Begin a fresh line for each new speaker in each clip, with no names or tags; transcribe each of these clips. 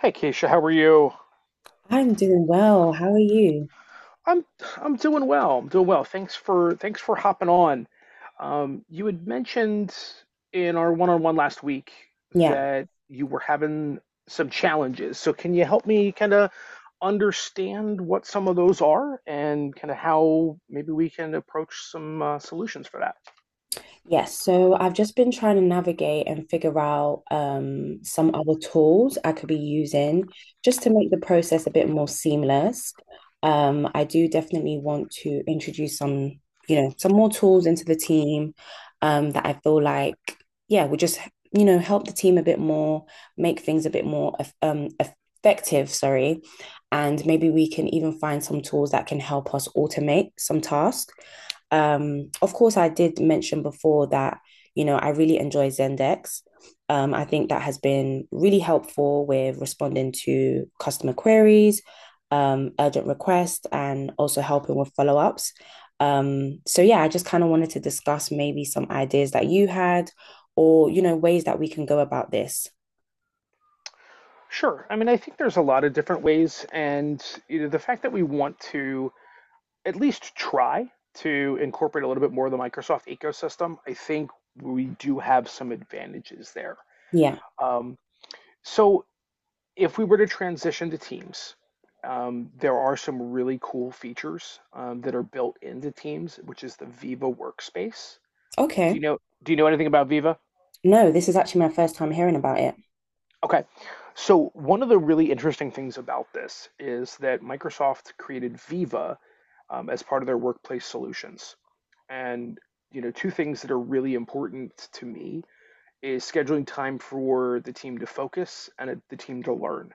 Hey Keisha, how are you?
I'm doing well. How are you?
I'm I'm doing well. I'm doing well. Thanks for hopping on. You had mentioned in our one-on-one last week
Yeah.
that you were having some challenges. So can you help me kind of understand what some of those are and kind of how maybe we can approach some solutions for that?
Yes. So I've just been trying to navigate and figure out some other tools I could be using just to make the process a bit more seamless. I do definitely want to introduce some, you know, some more tools into the team that I feel like, yeah, would just, you know, help the team a bit more, make things a bit more effective, sorry. And maybe we can even find some tools that can help us automate some tasks. Of course, I did mention before that, you know, I really enjoy Zendex. I think that has been really helpful with responding to customer queries, urgent requests, and also helping with follow ups. Yeah, I just kind of wanted to discuss maybe some ideas that you had or, you know, ways that we can go about this.
Sure. I mean, I think there's a lot of different ways, and you know, the fact that we want to at least try to incorporate a little bit more of the Microsoft ecosystem, I think we do have some advantages there.
Yeah.
Um, so if we were to transition to Teams, there are some really cool features that are built into Teams, which is the Viva workspace. Do
Okay.
you know? Do you know anything about Viva?
No, this is actually my first time hearing about it.
Okay. So one of the really interesting things about this is that Microsoft created Viva as part of their workplace solutions. And you know, two things that are really important to me is scheduling time for the team to focus and the team to learn.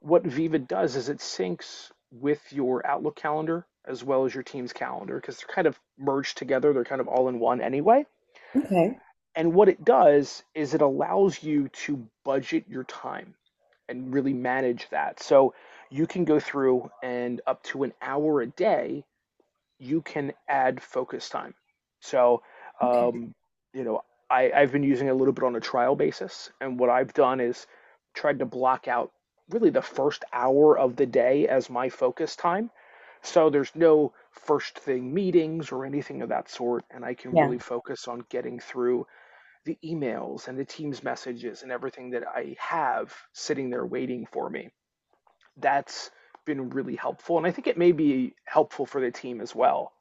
What Viva does is it syncs with your Outlook calendar as well as your team's calendar because they're kind of merged together. They're kind of all in one anyway.
Okay.
And what it does is it allows you to budget your time and really manage that. So you can go through and up to an hour a day, you can add focus time. So,
Okay.
um, you know, I've been using it a little bit on a trial basis. And what I've done is tried to block out really the first hour of the day as my focus time. So there's no first thing meetings or anything of that sort. And I can
Yeah.
really focus on getting through the emails and the Teams messages and everything that I have sitting there waiting for me. That's been really helpful. And I think it may be helpful for the team as well.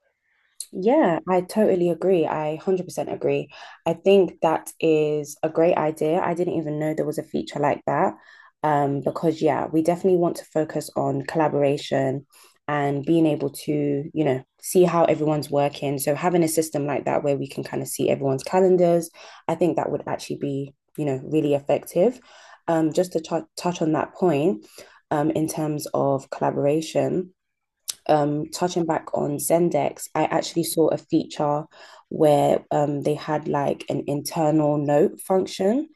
Yeah, I totally agree. I 100% agree. I think that is a great idea. I didn't even know there was a feature like that. Because yeah, we definitely want to focus on collaboration and being able to, you know, see how everyone's working. So having a system like that where we can kind of see everyone's calendars, I think that would actually be, you know, really effective. Just to touch on that point, in terms of collaboration touching back on Zendesk, I actually saw a feature where they had like an internal note function.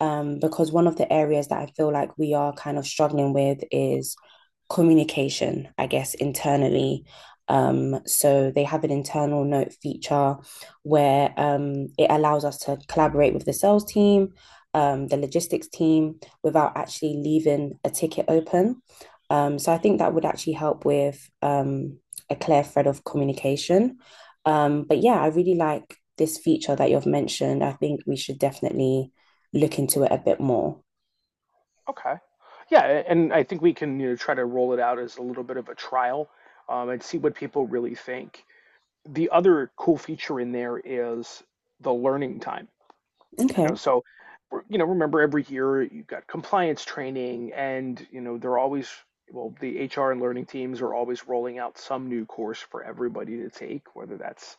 Because one of the areas that I feel like we are kind of struggling with is communication, I guess, internally. So they have an internal note feature where it allows us to collaborate with the sales team, the logistics team, without actually leaving a ticket open. So I think that would actually help with a clear thread of communication. But yeah, I really like this feature that you've mentioned. I think we should definitely look into it a bit more.
Okay. Yeah. And I think we can, you know, try to roll it out as a little bit of a trial and see what people really think. The other cool feature in there is the learning time. You know,
Okay.
so you know, remember every year you've got compliance training, and you know they're always well, the HR and learning teams are always rolling out some new course for everybody to take, whether that's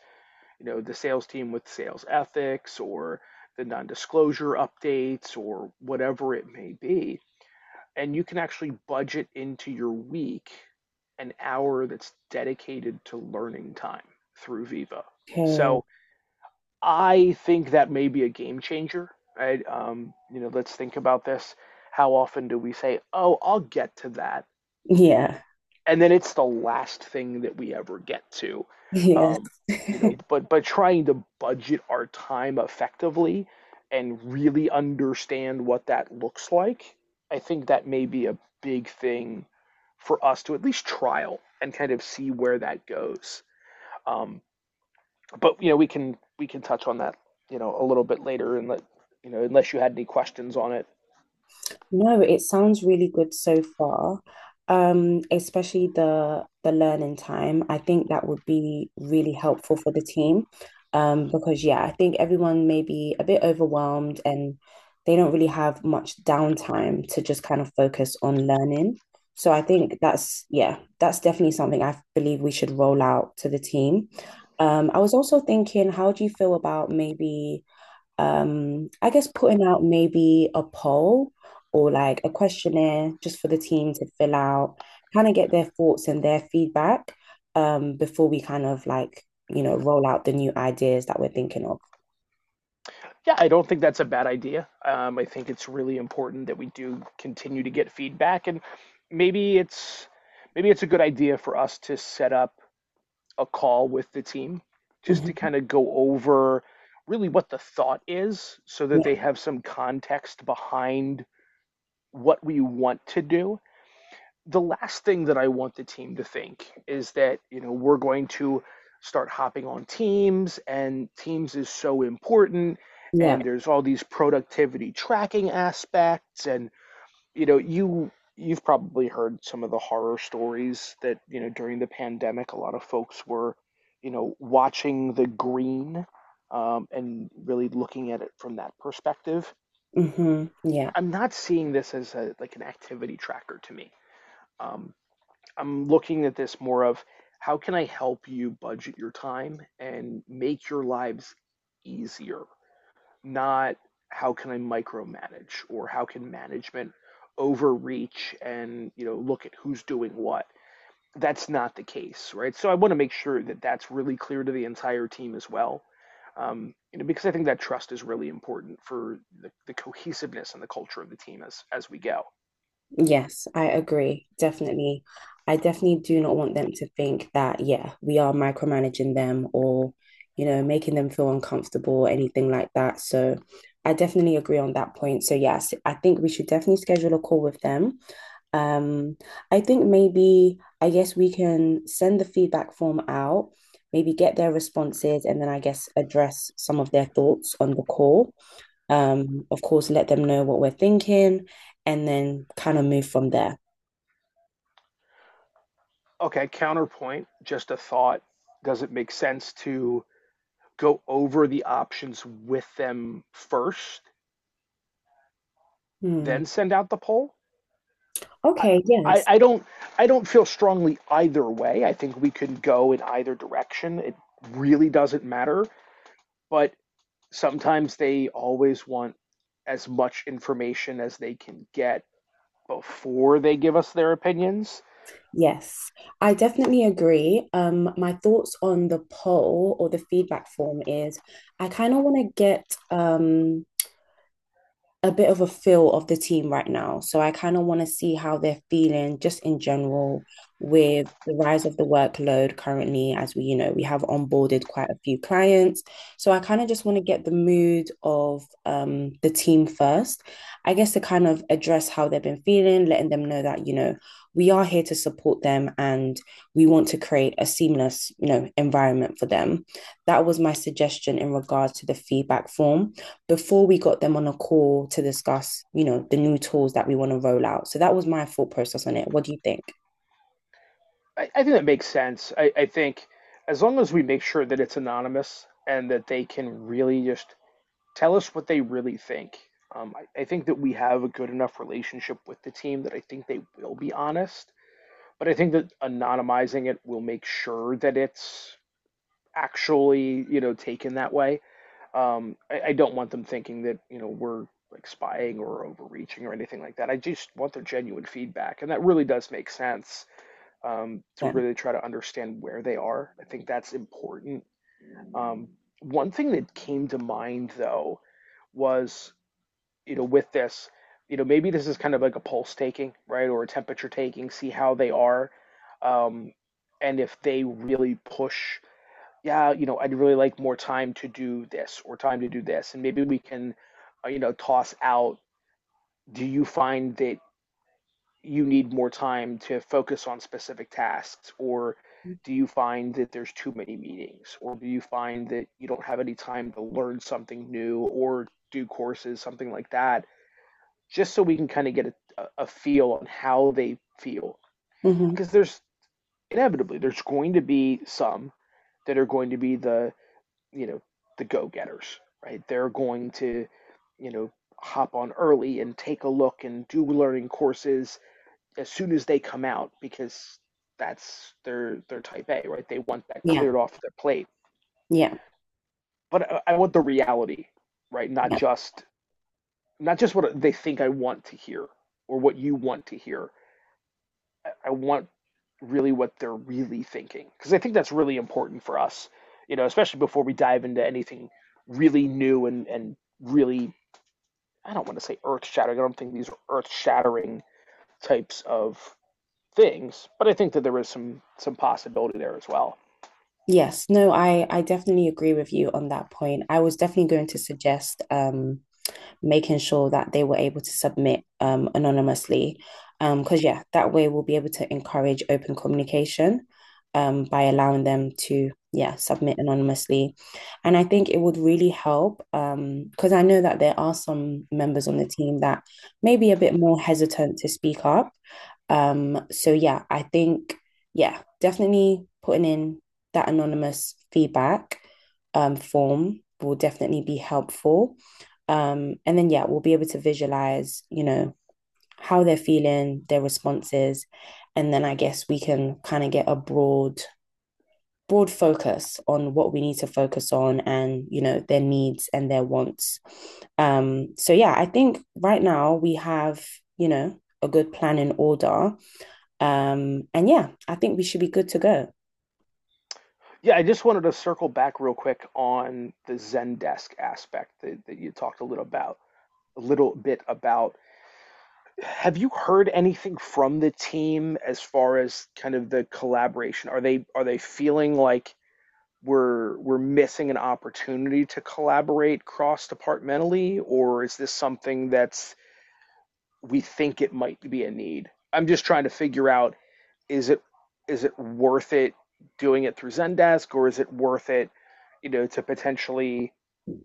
you know the sales team with sales ethics or the non-disclosure updates or whatever it may be. And you can actually budget into your week an hour that's dedicated to learning time through Viva.
Okay.
So I think that may be a game changer, right? You know, let's think about this. How often do we say, "Oh, I'll get to that,"
Yeah.
and then it's the last thing that we ever get to,
Yeah.
um, you know? But trying to budget our time effectively and really understand what that looks like, I think that may be a big thing for us to at least trial and kind of see where that goes. Um, but you know we can touch on that you know a little bit later and let you know unless you had any questions on it.
No, it sounds really good so far. Especially the learning time. I think that would be really helpful for the team. Because yeah, I think everyone may be a bit overwhelmed and they don't really have much downtime to just kind of focus on learning. So I think that's yeah, that's definitely something I believe we should roll out to the team. I was also thinking, how do you feel about maybe I guess putting out maybe a poll or like a questionnaire just for the team to fill out, kind of get their thoughts and their feedback before we kind of like, you know, roll out the new ideas that we're thinking of.
Yeah, I don't think that's a bad idea. I think it's really important that we do continue to get feedback. And maybe it's maybe it's a good idea for us to set up a call with the team just to
Mhm.
kind of go over really what the thought is so that
Yeah.
they have some context behind what we want to do. The last thing that I want the team to think is that, you know, we're going to start hopping on teams and teams is so important
Yeah.
and there's all these productivity tracking aspects. And you know, you've probably heard some of the horror stories that, you know, during the pandemic a lot of folks were, you know, watching the green, and really looking at it from that perspective.
Yeah.
I'm not seeing this as a like an activity tracker to me. Um, I'm looking at this more of how can I help you budget your time and make your lives easier, not how can I micromanage or how can management overreach and you know look at who's doing what. That's not the case, right? So I want to make sure that that's really clear to the entire team as well, you know, because I think that trust is really important for the cohesiveness and the culture of the team as we go.
Yes, I agree. Definitely. I definitely do not want them to think that, yeah, we are micromanaging them or, you know, making them feel uncomfortable or anything like that. So I definitely agree on that point. So yes, I think we should definitely schedule a call with them. Um, I think maybe, I guess we can send the feedback form out, maybe get their responses, and then I guess address some of their thoughts on the call. Of course, let them know what we're thinking and then kind of move from there.
Okay, counterpoint, just a thought. Does it make sense to go over the options with them first,
Hmm.
then send out the poll? I,
Okay,
I,
yes.
I don't, i don't feel strongly either way. I think we can go in either direction. It really doesn't matter, but sometimes they always want as much information as they can get before they give us their opinions.
Yes, I definitely agree. My thoughts on the poll or the feedback form is I kind of want to get a bit of a feel of the team right now. So I kind of want to see how they're feeling just in general with the rise of the workload currently, as we, you know, we have onboarded quite a few clients. So I kind of just want to get the mood of the team first, I guess to kind of address how they've been feeling, letting them know that, you know, we are here to support them and we want to create a seamless, you know, environment for them. That was my suggestion in regards to the feedback form before we got them on a call to discuss, you know, the new tools that we want to roll out. So that was my thought process on it. What do you think?
I think that makes sense. I think as long as we make sure that it's anonymous and that they can really just tell us what they really think, I think that we have a good enough relationship with the team that I think they will be honest. But I think that anonymizing it will make sure that it's actually, you know, taken that way. I don't want them thinking that, you know, we're like spying or overreaching or anything like that. I just want their genuine feedback. And that really does make sense to
Yeah.
really try to understand where they are. I think that's important. Um, One thing that came to mind though was, you know, with this, you know, maybe this is kind of like a pulse taking, right, or a temperature taking, see how they are, um, and if they really push, yeah, you know, I'd really like more time to do this or time to do this, and maybe we can, you know, toss out. Do you find that you need more time to focus on specific tasks or do you find that there's too many meetings or do you find that you don't have any time to learn something new or do courses something like that just so we can kind of get a feel on how they feel
hmm
because there's inevitably there's going to be some that are going to be the you know the go-getters right they're going to you know hop on early and take a look and do learning courses as soon as they come out because that's their type A, right? They want that
Yeah.
cleared off their plate.
Yeah.
But I want the reality, right? Not
Yeah.
just not just what they think I want to hear or what you want to hear. I want really what they're really thinking because I think that's really important for us, you know, especially before we dive into anything really new and really I don't want to say earth shattering. I don't think these are earth shattering types of things, but I think that there is some possibility there as well.
Yes. No, I definitely agree with you on that point. I was definitely going to suggest making sure that they were able to submit anonymously. Because, yeah, that way we'll be able to encourage open communication by allowing them to yeah submit anonymously and I think it would really help because I know that there are some members on the team that may be a bit more hesitant to speak up, so yeah I think yeah definitely putting in that anonymous feedback form will definitely be helpful, and then, yeah, we'll be able to visualize, you know, how they're feeling, their responses. And then I guess we can kind of get a broad focus on what we need to focus on and, you know, their needs and their wants. Yeah, I think right now we have, you know, a good plan in order. And yeah, I think we should be good to go.
Yeah, I just wanted to circle back real quick on the Zendesk aspect that, you talked a little about a little bit about. Have you heard anything from the team as far as kind of the collaboration? Are they feeling like we're missing an opportunity to collaborate cross departmentally, or is this something that's we think it might be a need? I'm just trying to figure out is it is it worth it doing it through Zendesk or is it worth it, you know, to potentially,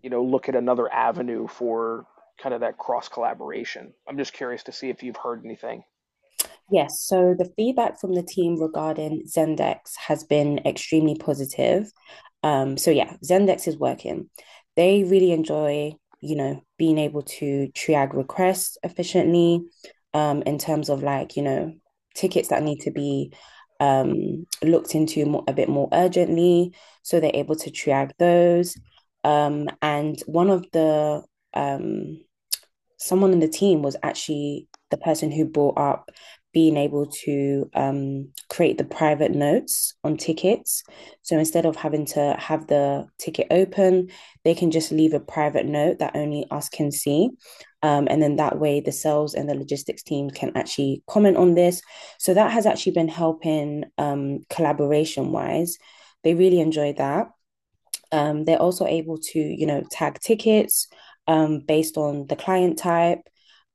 you know, look at another avenue for kind of that cross collaboration? I'm just curious to see if you've heard anything.
Yes, so the feedback from the team regarding Zendex has been extremely positive. So yeah, Zendex is working. They really enjoy, you know, being able to triage requests efficiently, in terms of like, you know, tickets that need to be looked into more, a bit more urgently. So they're able to triage those. And one of the um someone in the team was actually the person who brought up being able to create the private notes on tickets. So instead of having to have the ticket open, they can just leave a private note that only us can see. And then that way, the sales and the logistics team can actually comment on this. So that has actually been helping collaboration wise. They really enjoy that. They're also able to, you know, tag tickets based on the client type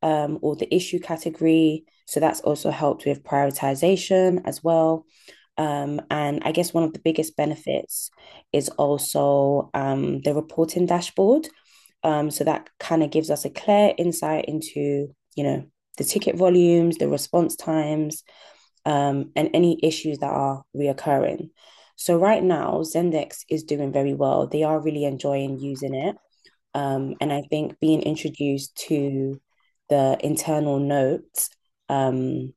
or the issue category. So that's also helped with prioritization as well. And I guess one of the biggest benefits is also the reporting dashboard. So that kind of gives us a clear insight into, you know, the ticket volumes, the response times, and any issues that are reoccurring. So right now, Zendex is doing very well. They are really enjoying using it. And I think being introduced to the internal notes um,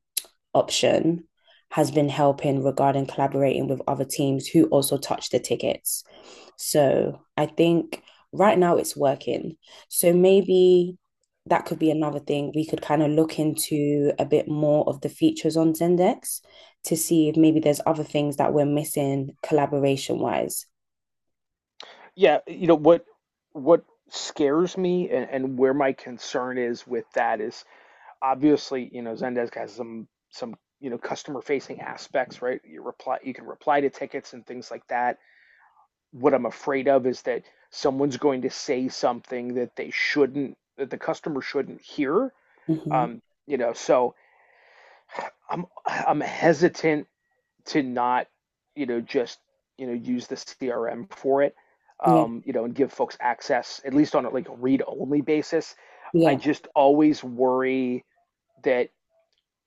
option has been helping regarding collaborating with other teams who also touch the tickets. So I think right now it's working. So maybe that could be another thing we could kind of look into a bit more of the features on Zendex to see if maybe there's other things that we're missing collaboration wise.
Yeah, you know what scares me and where my concern is with that is obviously, you know, Zendesk has some you know customer facing aspects, right? You can reply to tickets and things like that. What I'm afraid of is that someone's going to say something that they shouldn't, that the customer shouldn't hear.
hmm
Um, you know, so I'm hesitant to not, you know, just you know use the CRM for it,
Yeah,
you know, and give folks access at least on a like read only basis. I
yeah,
just always worry that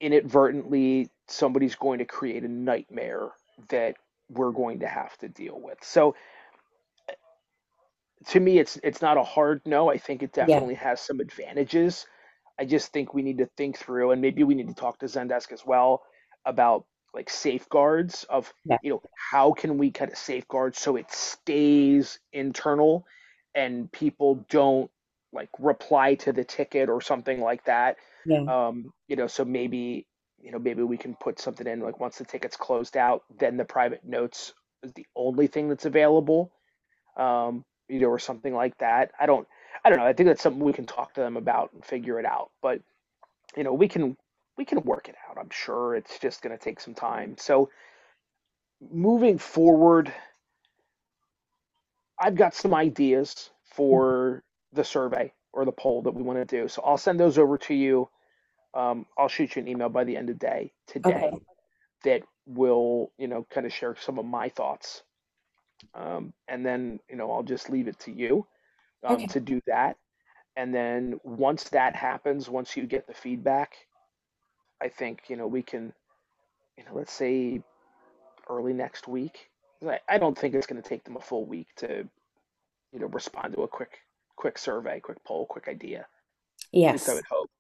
inadvertently somebody's going to create a nightmare that we're going to have to deal with. So to me it's not a hard no. I think it
yeah,
definitely has some advantages. I just think we need to think through and maybe we need to talk to Zendesk as well about like safeguards of
yeah,
you know how can we kind of safeguard so it stays internal and people don't like reply to the ticket or something like that.
yeah.
You know, so maybe you know maybe we can put something in like once the ticket's closed out, then the private notes is the only thing that's available, you know, or something like that. I don't know. I think that's something we can talk to them about and figure it out. But you know, we can work it out. I'm sure it's just going to take some time. So moving forward, I've got some ideas for the survey or the poll that we want to do. So I'll send those over to you. I'll shoot you an email by the end of the day
Okay,
today that will you know kind of share some of my thoughts. And then you know I'll just leave it to you
okay.
to do that. And then once that happens, once you get the feedback, I think, you know, we can, you know, let's say early next week. I don't think it's going to take them a full week to, you know, respond to a quick survey, quick poll, quick idea. At least I
Yes.
would hope.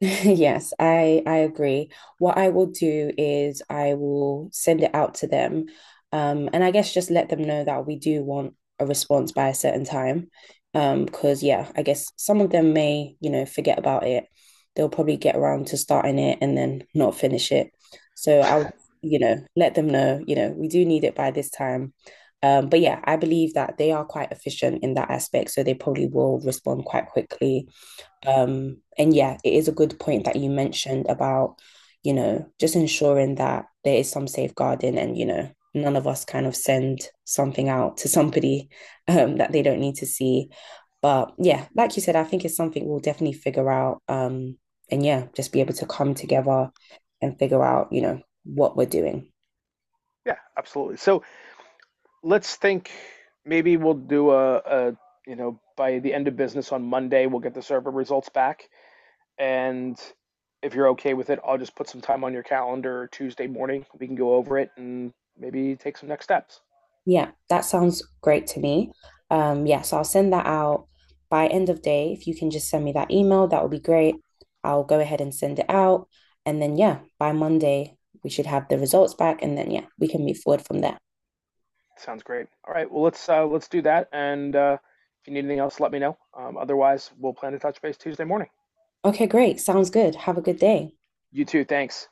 Yes, I agree. What I will do is I will send it out to them, and I guess just let them know that we do want a response by a certain time, because yeah, I guess some of them may, you know, forget about it. They'll probably get around to starting it and then not finish it. So I'll, you know, let them know, you know, we do need it by this time. But yeah, I believe that they are quite efficient in that aspect, so they probably will respond quite quickly. And yeah, it is a good point that you mentioned about, you know, just ensuring that there is some safeguarding and, you know, none of us kind of send something out to somebody that they don't need to see. But yeah, like you said, I think it's something we'll definitely figure out. And yeah, just be able to come together and figure out, you know, what we're doing.
Yeah, absolutely. So let's think maybe we'll do you know, by the end of business on Monday, we'll get the survey results back. And if you're okay with it, I'll just put some time on your calendar Tuesday morning. We can go over it and maybe take some next steps.
Yeah, that sounds great to me. Yes, I'll send that out by end of day. If you can just send me that email, that would be great. I'll go ahead and send it out. And then, yeah, by Monday, we should have the results back. And then, yeah, we can move forward from there.
Sounds great. All right. Well, let's do that. And if you need anything else, let me know. Otherwise, we'll plan to touch base Tuesday morning.
Okay, great. Sounds good. Have a good day.
You too. Thanks.